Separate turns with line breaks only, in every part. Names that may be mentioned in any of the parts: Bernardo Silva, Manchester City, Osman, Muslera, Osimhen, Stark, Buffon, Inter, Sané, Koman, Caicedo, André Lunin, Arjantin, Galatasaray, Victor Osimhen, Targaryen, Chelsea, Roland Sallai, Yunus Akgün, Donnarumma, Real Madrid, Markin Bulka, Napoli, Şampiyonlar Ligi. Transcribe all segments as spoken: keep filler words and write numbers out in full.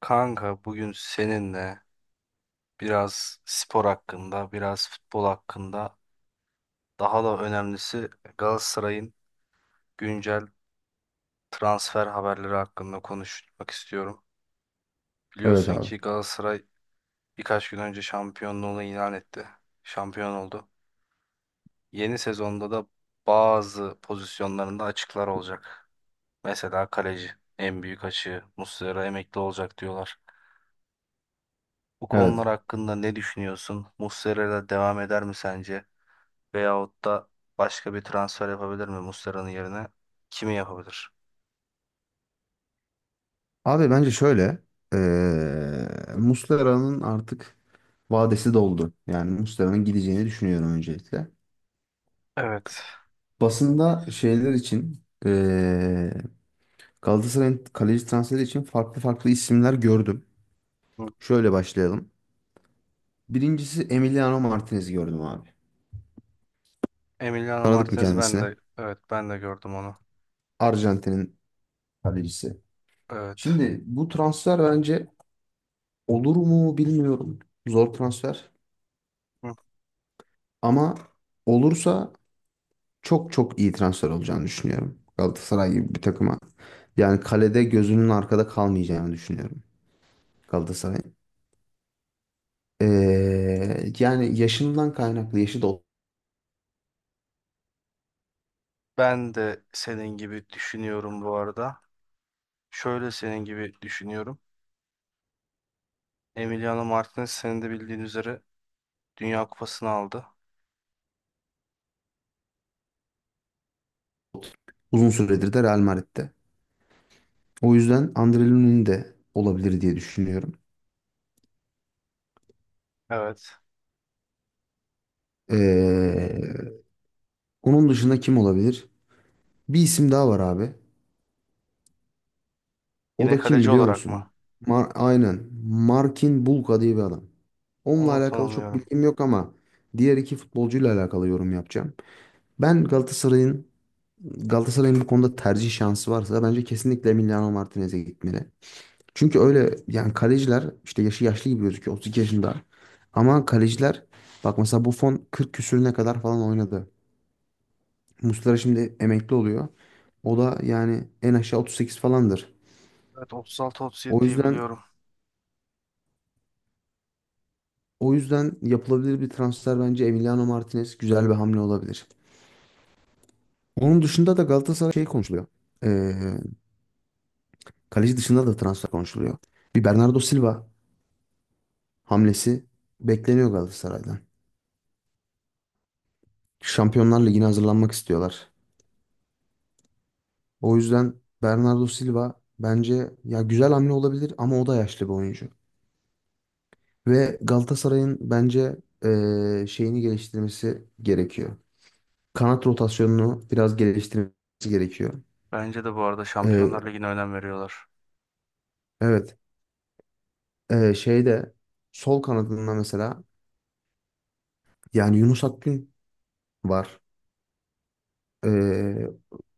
Kanka bugün seninle biraz spor hakkında, biraz futbol hakkında, daha da önemlisi Galatasaray'ın güncel transfer haberleri hakkında konuşmak istiyorum.
Evet
Biliyorsun
abi.
ki Galatasaray birkaç gün önce şampiyonluğunu ilan etti. Şampiyon oldu. Yeni sezonda da bazı pozisyonlarında açıklar olacak. Mesela kaleci, en büyük açığı Muslera emekli olacak diyorlar. Bu konular
Evet.
hakkında ne düşünüyorsun? Muslera'yla devam eder mi sence? Veyahut da başka bir transfer yapabilir mi Muslera'nın yerine? Kimi yapabilir?
Abi bence şöyle. eee Muslera'nın artık vadesi doldu. Yani Muslera'nın gideceğini düşünüyorum öncelikle.
Evet.
Basında şeyler için eee Galatasaray'ın kaleci transferi için farklı farklı isimler gördüm.
Hı.
Şöyle başlayalım. Birincisi Emiliano Martinez gördüm abi.
Emiliano
Tanıdık mı
Martinez ben
kendisini?
de evet ben de gördüm onu.
Arjantin'in kalecisi.
Evet.
Şimdi bu transfer bence olur mu bilmiyorum. Zor transfer.
Hı.
Ama olursa çok çok iyi transfer olacağını düşünüyorum. Galatasaray gibi bir takıma. Yani kalede gözünün arkada kalmayacağını düşünüyorum Galatasaray'ın. Ee, yani yaşından kaynaklı yaşı da
Ben de senin gibi düşünüyorum bu arada. Şöyle senin gibi düşünüyorum. Emiliano Martinez senin de bildiğin üzere Dünya Kupası'nı aldı.
uzun süredir de Real Madrid'de. O yüzden André Lunin de olabilir diye düşünüyorum.
Evet.
Ee, onun dışında kim olabilir? Bir isim daha var abi. O
Yine
da kim
kaleci
biliyor
olarak
musun?
mı?
Mar Aynen. Markin Bulka diye bir adam. Onunla
Onu
alakalı çok
tanımıyorum.
bilgim yok ama diğer iki futbolcuyla alakalı yorum yapacağım. Ben Galatasaray'ın Galatasaray'ın bu konuda tercih şansı varsa bence kesinlikle Emiliano Martinez'e gitmeli. Çünkü öyle yani kaleciler işte yaşı yaşlı gibi gözüküyor otuz iki yaşında. Ama kaleciler bak mesela Buffon kırk küsürüne kadar falan oynadı. Muslera şimdi emekli oluyor. O da yani en aşağı otuz sekiz falandır.
Evet, otuz altı otuz yedi
O
diye
yüzden
biliyorum.
o yüzden yapılabilir bir transfer bence Emiliano Martinez güzel bir hamle olabilir. Onun dışında da Galatasaray şey konuşuluyor. Ee, kaleci dışında da transfer konuşuluyor. Bir Bernardo Silva hamlesi bekleniyor Galatasaray'dan. Şampiyonlar Ligi'ne hazırlanmak istiyorlar. O yüzden Bernardo Silva bence ya güzel hamle olabilir ama o da yaşlı bir oyuncu. Ve Galatasaray'ın bence eee, şeyini geliştirmesi gerekiyor. Kanat rotasyonunu biraz geliştirmesi gerekiyor.
Bence de bu arada
Eee,
Şampiyonlar Ligi'ne önem veriyorlar.
evet. Eee şeyde sol kanadında mesela yani Yunus Akgün var. Ee,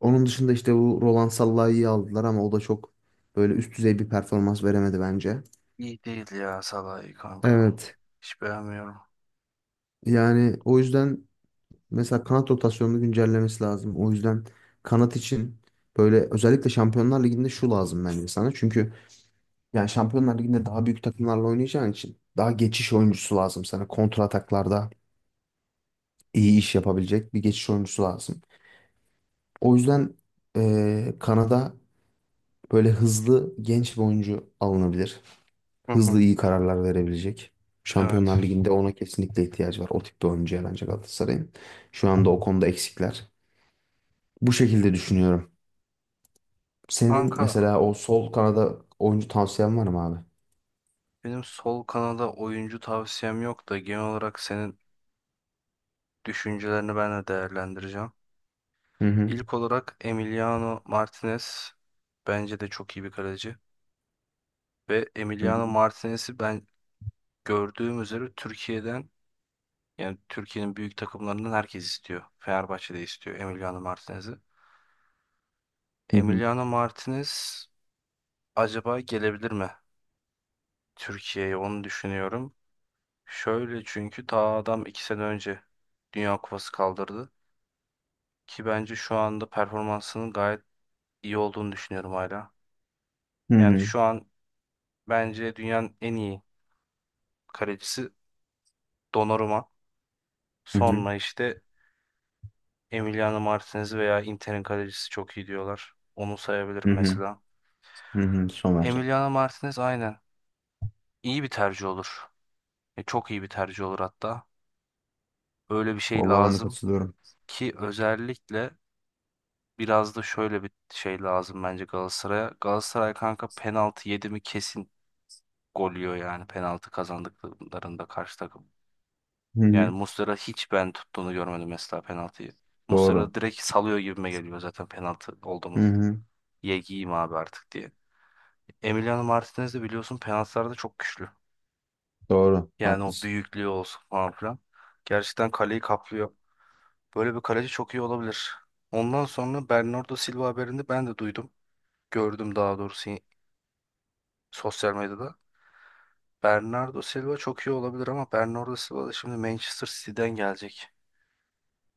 onun dışında işte bu Roland Sallai'yi aldılar ama o da çok böyle üst düzey bir performans veremedi bence.
İyi değil ya Salah'ı kanka.
Evet.
Hiç beğenmiyorum.
Yani o yüzden mesela kanat rotasyonunu güncellemesi lazım. O yüzden kanat için böyle özellikle Şampiyonlar Ligi'nde şu lazım bence sana. Çünkü yani Şampiyonlar Ligi'nde daha büyük takımlarla oynayacağın için daha geçiş oyuncusu lazım sana. Kontra ataklarda iyi iş yapabilecek bir geçiş oyuncusu lazım. O yüzden eee, kanada böyle hızlı genç bir oyuncu alınabilir.
Hı hı.
Hızlı iyi kararlar verebilecek. Şampiyonlar
Evet.
Ligi'nde ona kesinlikle ihtiyacı var. O tip bir oyuncuya bence Galatasaray'ın. Şu anda o konuda eksikler. Bu şekilde düşünüyorum. Senin
Kanka
mesela o sol kanada oyuncu tavsiyen var mı abi?
benim sol kanada oyuncu tavsiyem yok da genel olarak senin düşüncelerini ben de değerlendireceğim.
Hı hı.
İlk olarak Emiliano Martinez bence de çok iyi bir kaleci. Ve
Hı
Emiliano
hı.
Martinez'i ben gördüğüm üzere Türkiye'den yani Türkiye'nin büyük takımlarından herkes istiyor. Fenerbahçe de istiyor Emiliano Martinez'i.
Hı hı.
Emiliano Martinez acaba gelebilir mi Türkiye'ye onu düşünüyorum. Şöyle çünkü ta adam iki sene önce Dünya Kupası kaldırdı. Ki bence şu anda performansının gayet iyi olduğunu düşünüyorum hala. Yani şu an bence dünyanın en iyi kalecisi Donnarumma.
Hı hı.
Sonra işte Emiliano Martinez veya Inter'in kalecisi çok iyi diyorlar. Onu
Hı
sayabilirim
hı.
mesela.
Hı hı. Somer.
Emiliano Martinez aynen iyi bir tercih olur. E, çok iyi bir tercih olur hatta. Öyle bir şey
Vallahi ben de
lazım
katılıyorum.
ki özellikle biraz da şöyle bir şey lazım bence Galatasaray'a. Galatasaray kanka penaltı yedi mi kesin gol yiyor yani penaltı kazandıklarında karşı takım.
Hı
Yani
hı.
Muslera hiç ben tuttuğunu görmedim mesela penaltıyı.
Doğru.
Muslera direkt salıyor gibime geliyor zaten penaltı oldu
Hı
mu.
hı.
Ye giyeyim abi artık diye. Emiliano Martinez de biliyorsun penaltılarda çok güçlü.
Doğru.
Yani o
Haklısın.
büyüklüğü olsun falan filan. Gerçekten kaleyi kaplıyor. Böyle bir kaleci çok iyi olabilir. Ondan sonra Bernardo Silva haberini ben de duydum. Gördüm daha doğrusu sosyal medyada. Bernardo Silva çok iyi olabilir ama Bernardo Silva da şimdi Manchester City'den gelecek.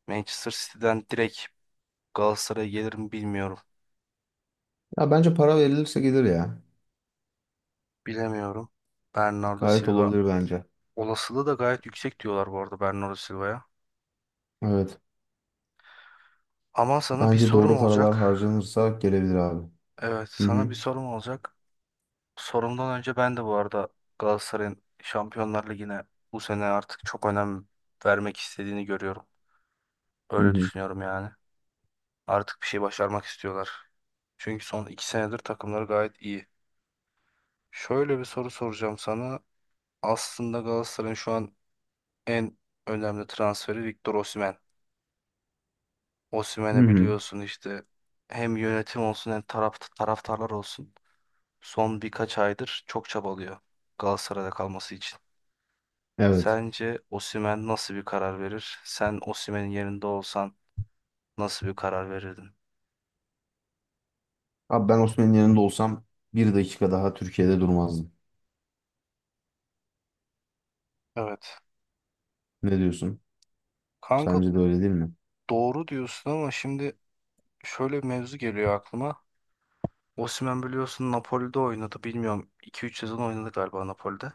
Manchester City'den direkt Galatasaray'a gelir mi bilmiyorum.
Ya bence para verilirse gelir ya.
Bilemiyorum. Bernardo
Gayet
Silva
olabilir bence.
olasılığı da gayet yüksek diyorlar bu arada Bernardo Silva'ya.
Evet.
Ama sana bir
Bence doğru
sorum
paralar
olacak.
harcanırsa gelebilir abi.
Evet,
Hı
sana
hı.
bir sorum olacak. Sorumdan önce ben de bu arada Galatasaray'ın Şampiyonlar Ligi'ne bu sene artık çok önem vermek istediğini görüyorum.
Hı
Öyle
hı.
düşünüyorum yani. Artık bir şey başarmak istiyorlar. Çünkü son iki senedir takımları gayet iyi. Şöyle bir soru soracağım sana. Aslında Galatasaray'ın şu an en önemli transferi Victor Osimhen.
Hı
Osimhen'i
hı.
biliyorsun işte hem yönetim olsun hem taraf, taraftarlar olsun. Son birkaç aydır çok çabalıyor Galatasaray'da kalması için.
Evet.
Sence Osimhen nasıl bir karar verir? Sen Osimhen'in yerinde olsan nasıl bir karar verirdin?
Abi ben Osman'ın yanında olsam bir dakika daha Türkiye'de durmazdım.
Evet.
Ne diyorsun?
Kanka
Sence de öyle değil mi?
doğru diyorsun ama şimdi şöyle bir mevzu geliyor aklıma. Osimhen biliyorsun Napoli'de oynadı. Bilmiyorum iki üç sezon oynadı galiba Napoli'de.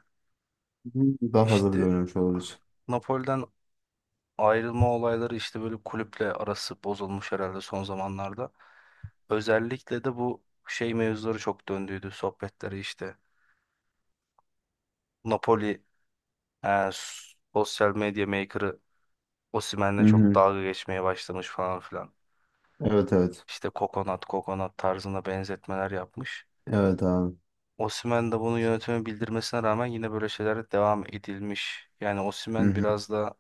Hı hı. Daha fazla bile
İşte
oynamış olabilir.
Napoli'den ayrılma olayları işte böyle kulüple arası bozulmuş herhalde son zamanlarda. Özellikle de bu şey mevzuları çok döndüydü sohbetleri işte. Napoli e, sosyal medya maker'ı
Hı
Osimhen'le çok
hı.
dalga geçmeye başlamış falan filan.
Evet evet.
İşte kokonat kokonat tarzına benzetmeler yapmış.
Evet abi.
Osimhen de bunu yönetime bildirmesine rağmen yine böyle şeylere devam edilmiş. Yani
Hı
Osimhen
hı.
biraz da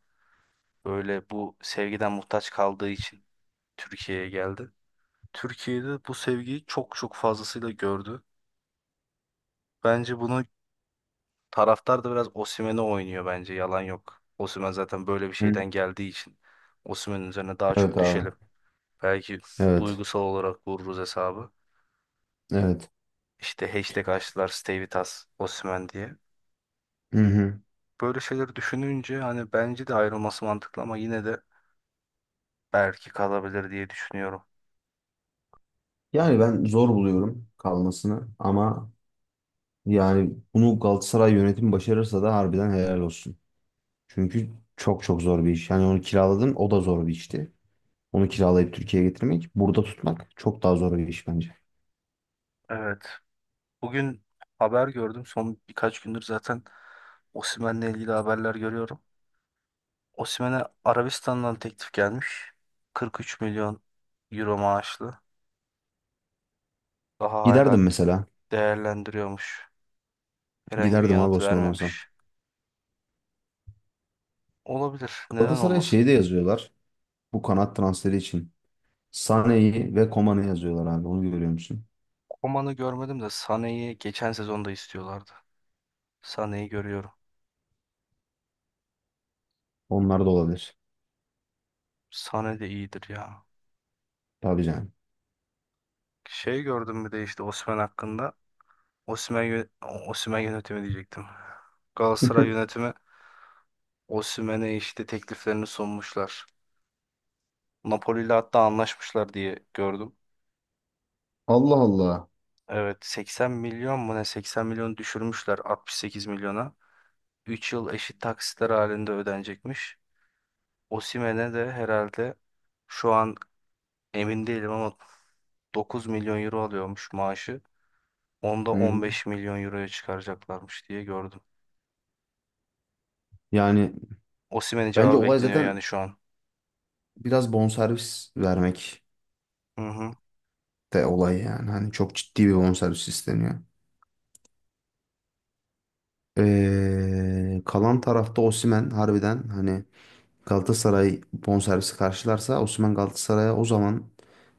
böyle bu sevgiden muhtaç kaldığı için Türkiye'ye geldi. Türkiye'de bu sevgiyi çok çok fazlasıyla gördü. Bence bunu taraftar da biraz Osimhen'e oynuyor bence yalan yok. Osimhen zaten böyle bir
Hı.
şeyden geldiği için Osimhen'in üzerine daha
Evet
çok
abi.
düşelim. Belki
Evet.
duygusal olarak vururuz hesabı.
Evet.
İşte hashtag açtılar Stay With Us Osimhen diye.
Hı hı.
Böyle şeyleri düşününce hani bence de ayrılması mantıklı ama yine de belki kalabilir diye düşünüyorum.
Yani ben zor buluyorum kalmasını ama yani bunu Galatasaray yönetimi başarırsa da harbiden helal olsun. Çünkü çok çok zor bir iş. Yani onu kiraladın o da zor bir işti. Onu kiralayıp Türkiye'ye getirmek, burada tutmak çok daha zor bir iş bence.
Evet. Bugün haber gördüm. Son birkaç gündür zaten Osimhen'le ilgili haberler görüyorum. Osimhen'e Arabistan'dan teklif gelmiş. kırk üç milyon euro maaşlı. Daha hala
Giderdim mesela.
değerlendiriyormuş. Herhangi bir
Giderdim abi
yanıt
Osman olsam.
vermemiş. Olabilir. Neden
Galatasaray'a
olmasın?
şey de yazıyorlar. Bu kanat transferi için. Sané'yi ve Koman'ı yazıyorlar abi. Onu görüyor musun?
Koman'ı görmedim de Sané'yi geçen sezonda istiyorlardı. Sané'yi görüyorum.
Onlar da olabilir.
Sané de iyidir ya.
Tabii canım.
Şey gördüm bir de işte Osimhen hakkında. Osimhen, yö- Osimhen yönetimi diyecektim. Galatasaray yönetimi Osimhen'e işte tekliflerini sunmuşlar. Napoli ile hatta anlaşmışlar diye gördüm.
Allah Allah.
Evet, seksen milyon mu ne seksen milyon düşürmüşler altmış sekiz milyona. Üç yıl eşit taksitler halinde ödenecekmiş. Osimhen'e de herhalde şu an emin değilim ama dokuz milyon euro alıyormuş maaşı. Onda
Hı hı.
on beş milyon euroya çıkaracaklarmış diye gördüm.
Yani
Osimhen'in
bence
cevabı
olay
bekleniyor
zaten
yani şu an.
biraz bonservis vermek
Hı hı.
de olay yani. Hani çok ciddi bir bonservis isteniyor. Ee, kalan tarafta Osimhen harbiden hani Galatasaray bonservisi karşılarsa Osimhen Galatasaray'a o zaman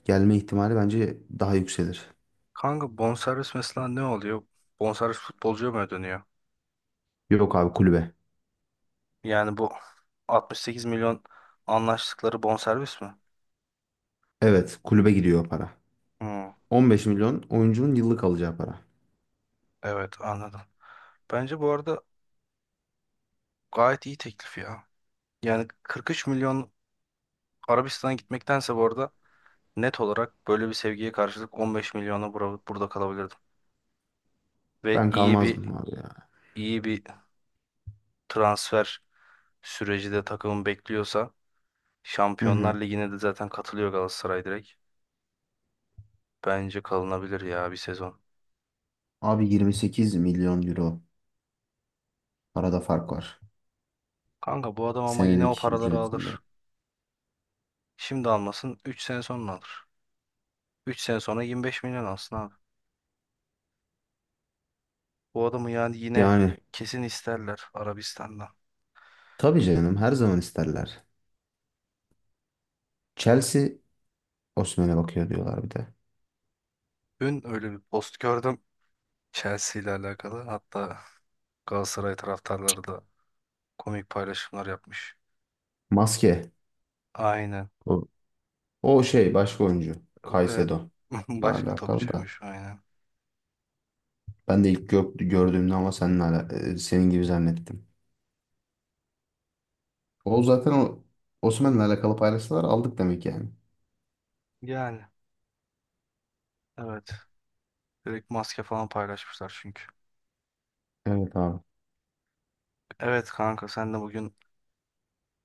gelme ihtimali bence daha yükselir.
Kanka bonservis mesela ne oluyor? Bonservis futbolcuya mı ödeniyor?
Yok abi kulübe.
Yani bu altmış sekiz milyon anlaştıkları bonservis mi?
Evet kulübe gidiyor o para.
Hı.
on beş milyon oyuncunun yıllık alacağı para.
Evet, anladım. Bence bu arada gayet iyi teklif ya. Yani kırk üç milyon Arabistan'a gitmektense bu arada net olarak böyle bir sevgiye karşılık on beş milyona bura- burada kalabilirdim. Ve
Ben
iyi bir
kalmazdım abi ya.
iyi bir transfer süreci de takımın bekliyorsa
Hı
Şampiyonlar
hı.
Ligi'ne de zaten katılıyor Galatasaray direkt. Bence kalınabilir ya bir sezon.
Abi yirmi sekiz milyon euro arada fark var.
Kanka bu adam ama yine o
Senelik
paraları
ücretinde.
alır. Şimdi almasın üç sene sonra alır. Üç sene sonra yirmi beş milyon alsın abi. Bu adamı yani yine
Yani
kesin isterler Arabistan'dan.
tabii canım her zaman isterler. Chelsea Osimhen'e bakıyor diyorlar bir de.
Dün öyle bir post gördüm Chelsea ile alakalı. Hatta Galatasaray taraftarları da komik paylaşımlar yapmış.
Maske.
Aynen.
O, o şey başka oyuncu.
Evet.
Caicedo.
Başka
Alakalı da.
topçuymuş aynen.
Ben de ilk gör- gördüğümde ama seninle ala- e, senin gibi zannettim. O zaten o Osimhen'le alakalı paylaştılar aldık demek yani.
Yani evet. Direkt maske falan paylaşmışlar çünkü.
Evet abi.
Evet kanka, sen de bugün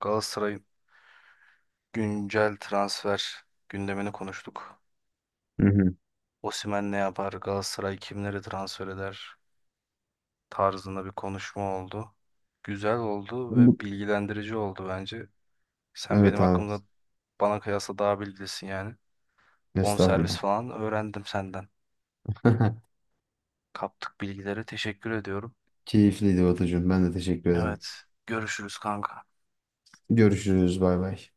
Galatasaray'ın güncel transfer gündemini konuştuk.
Hı hı.
Osimhen ne yapar, Galatasaray kimleri transfer eder tarzında bir konuşma oldu. Güzel oldu ve
Bu-
bilgilendirici oldu bence. Sen benim
Evet abi.
hakkımda bana kıyasla daha bilgilisin yani. Bonservis
Estağfurullah.
falan öğrendim senden. Kaptık bilgileri. Teşekkür ediyorum.
Keyifliydi Batucuğum. Ben de teşekkür ederim.
Evet, görüşürüz kanka.
Görüşürüz. Bay bay.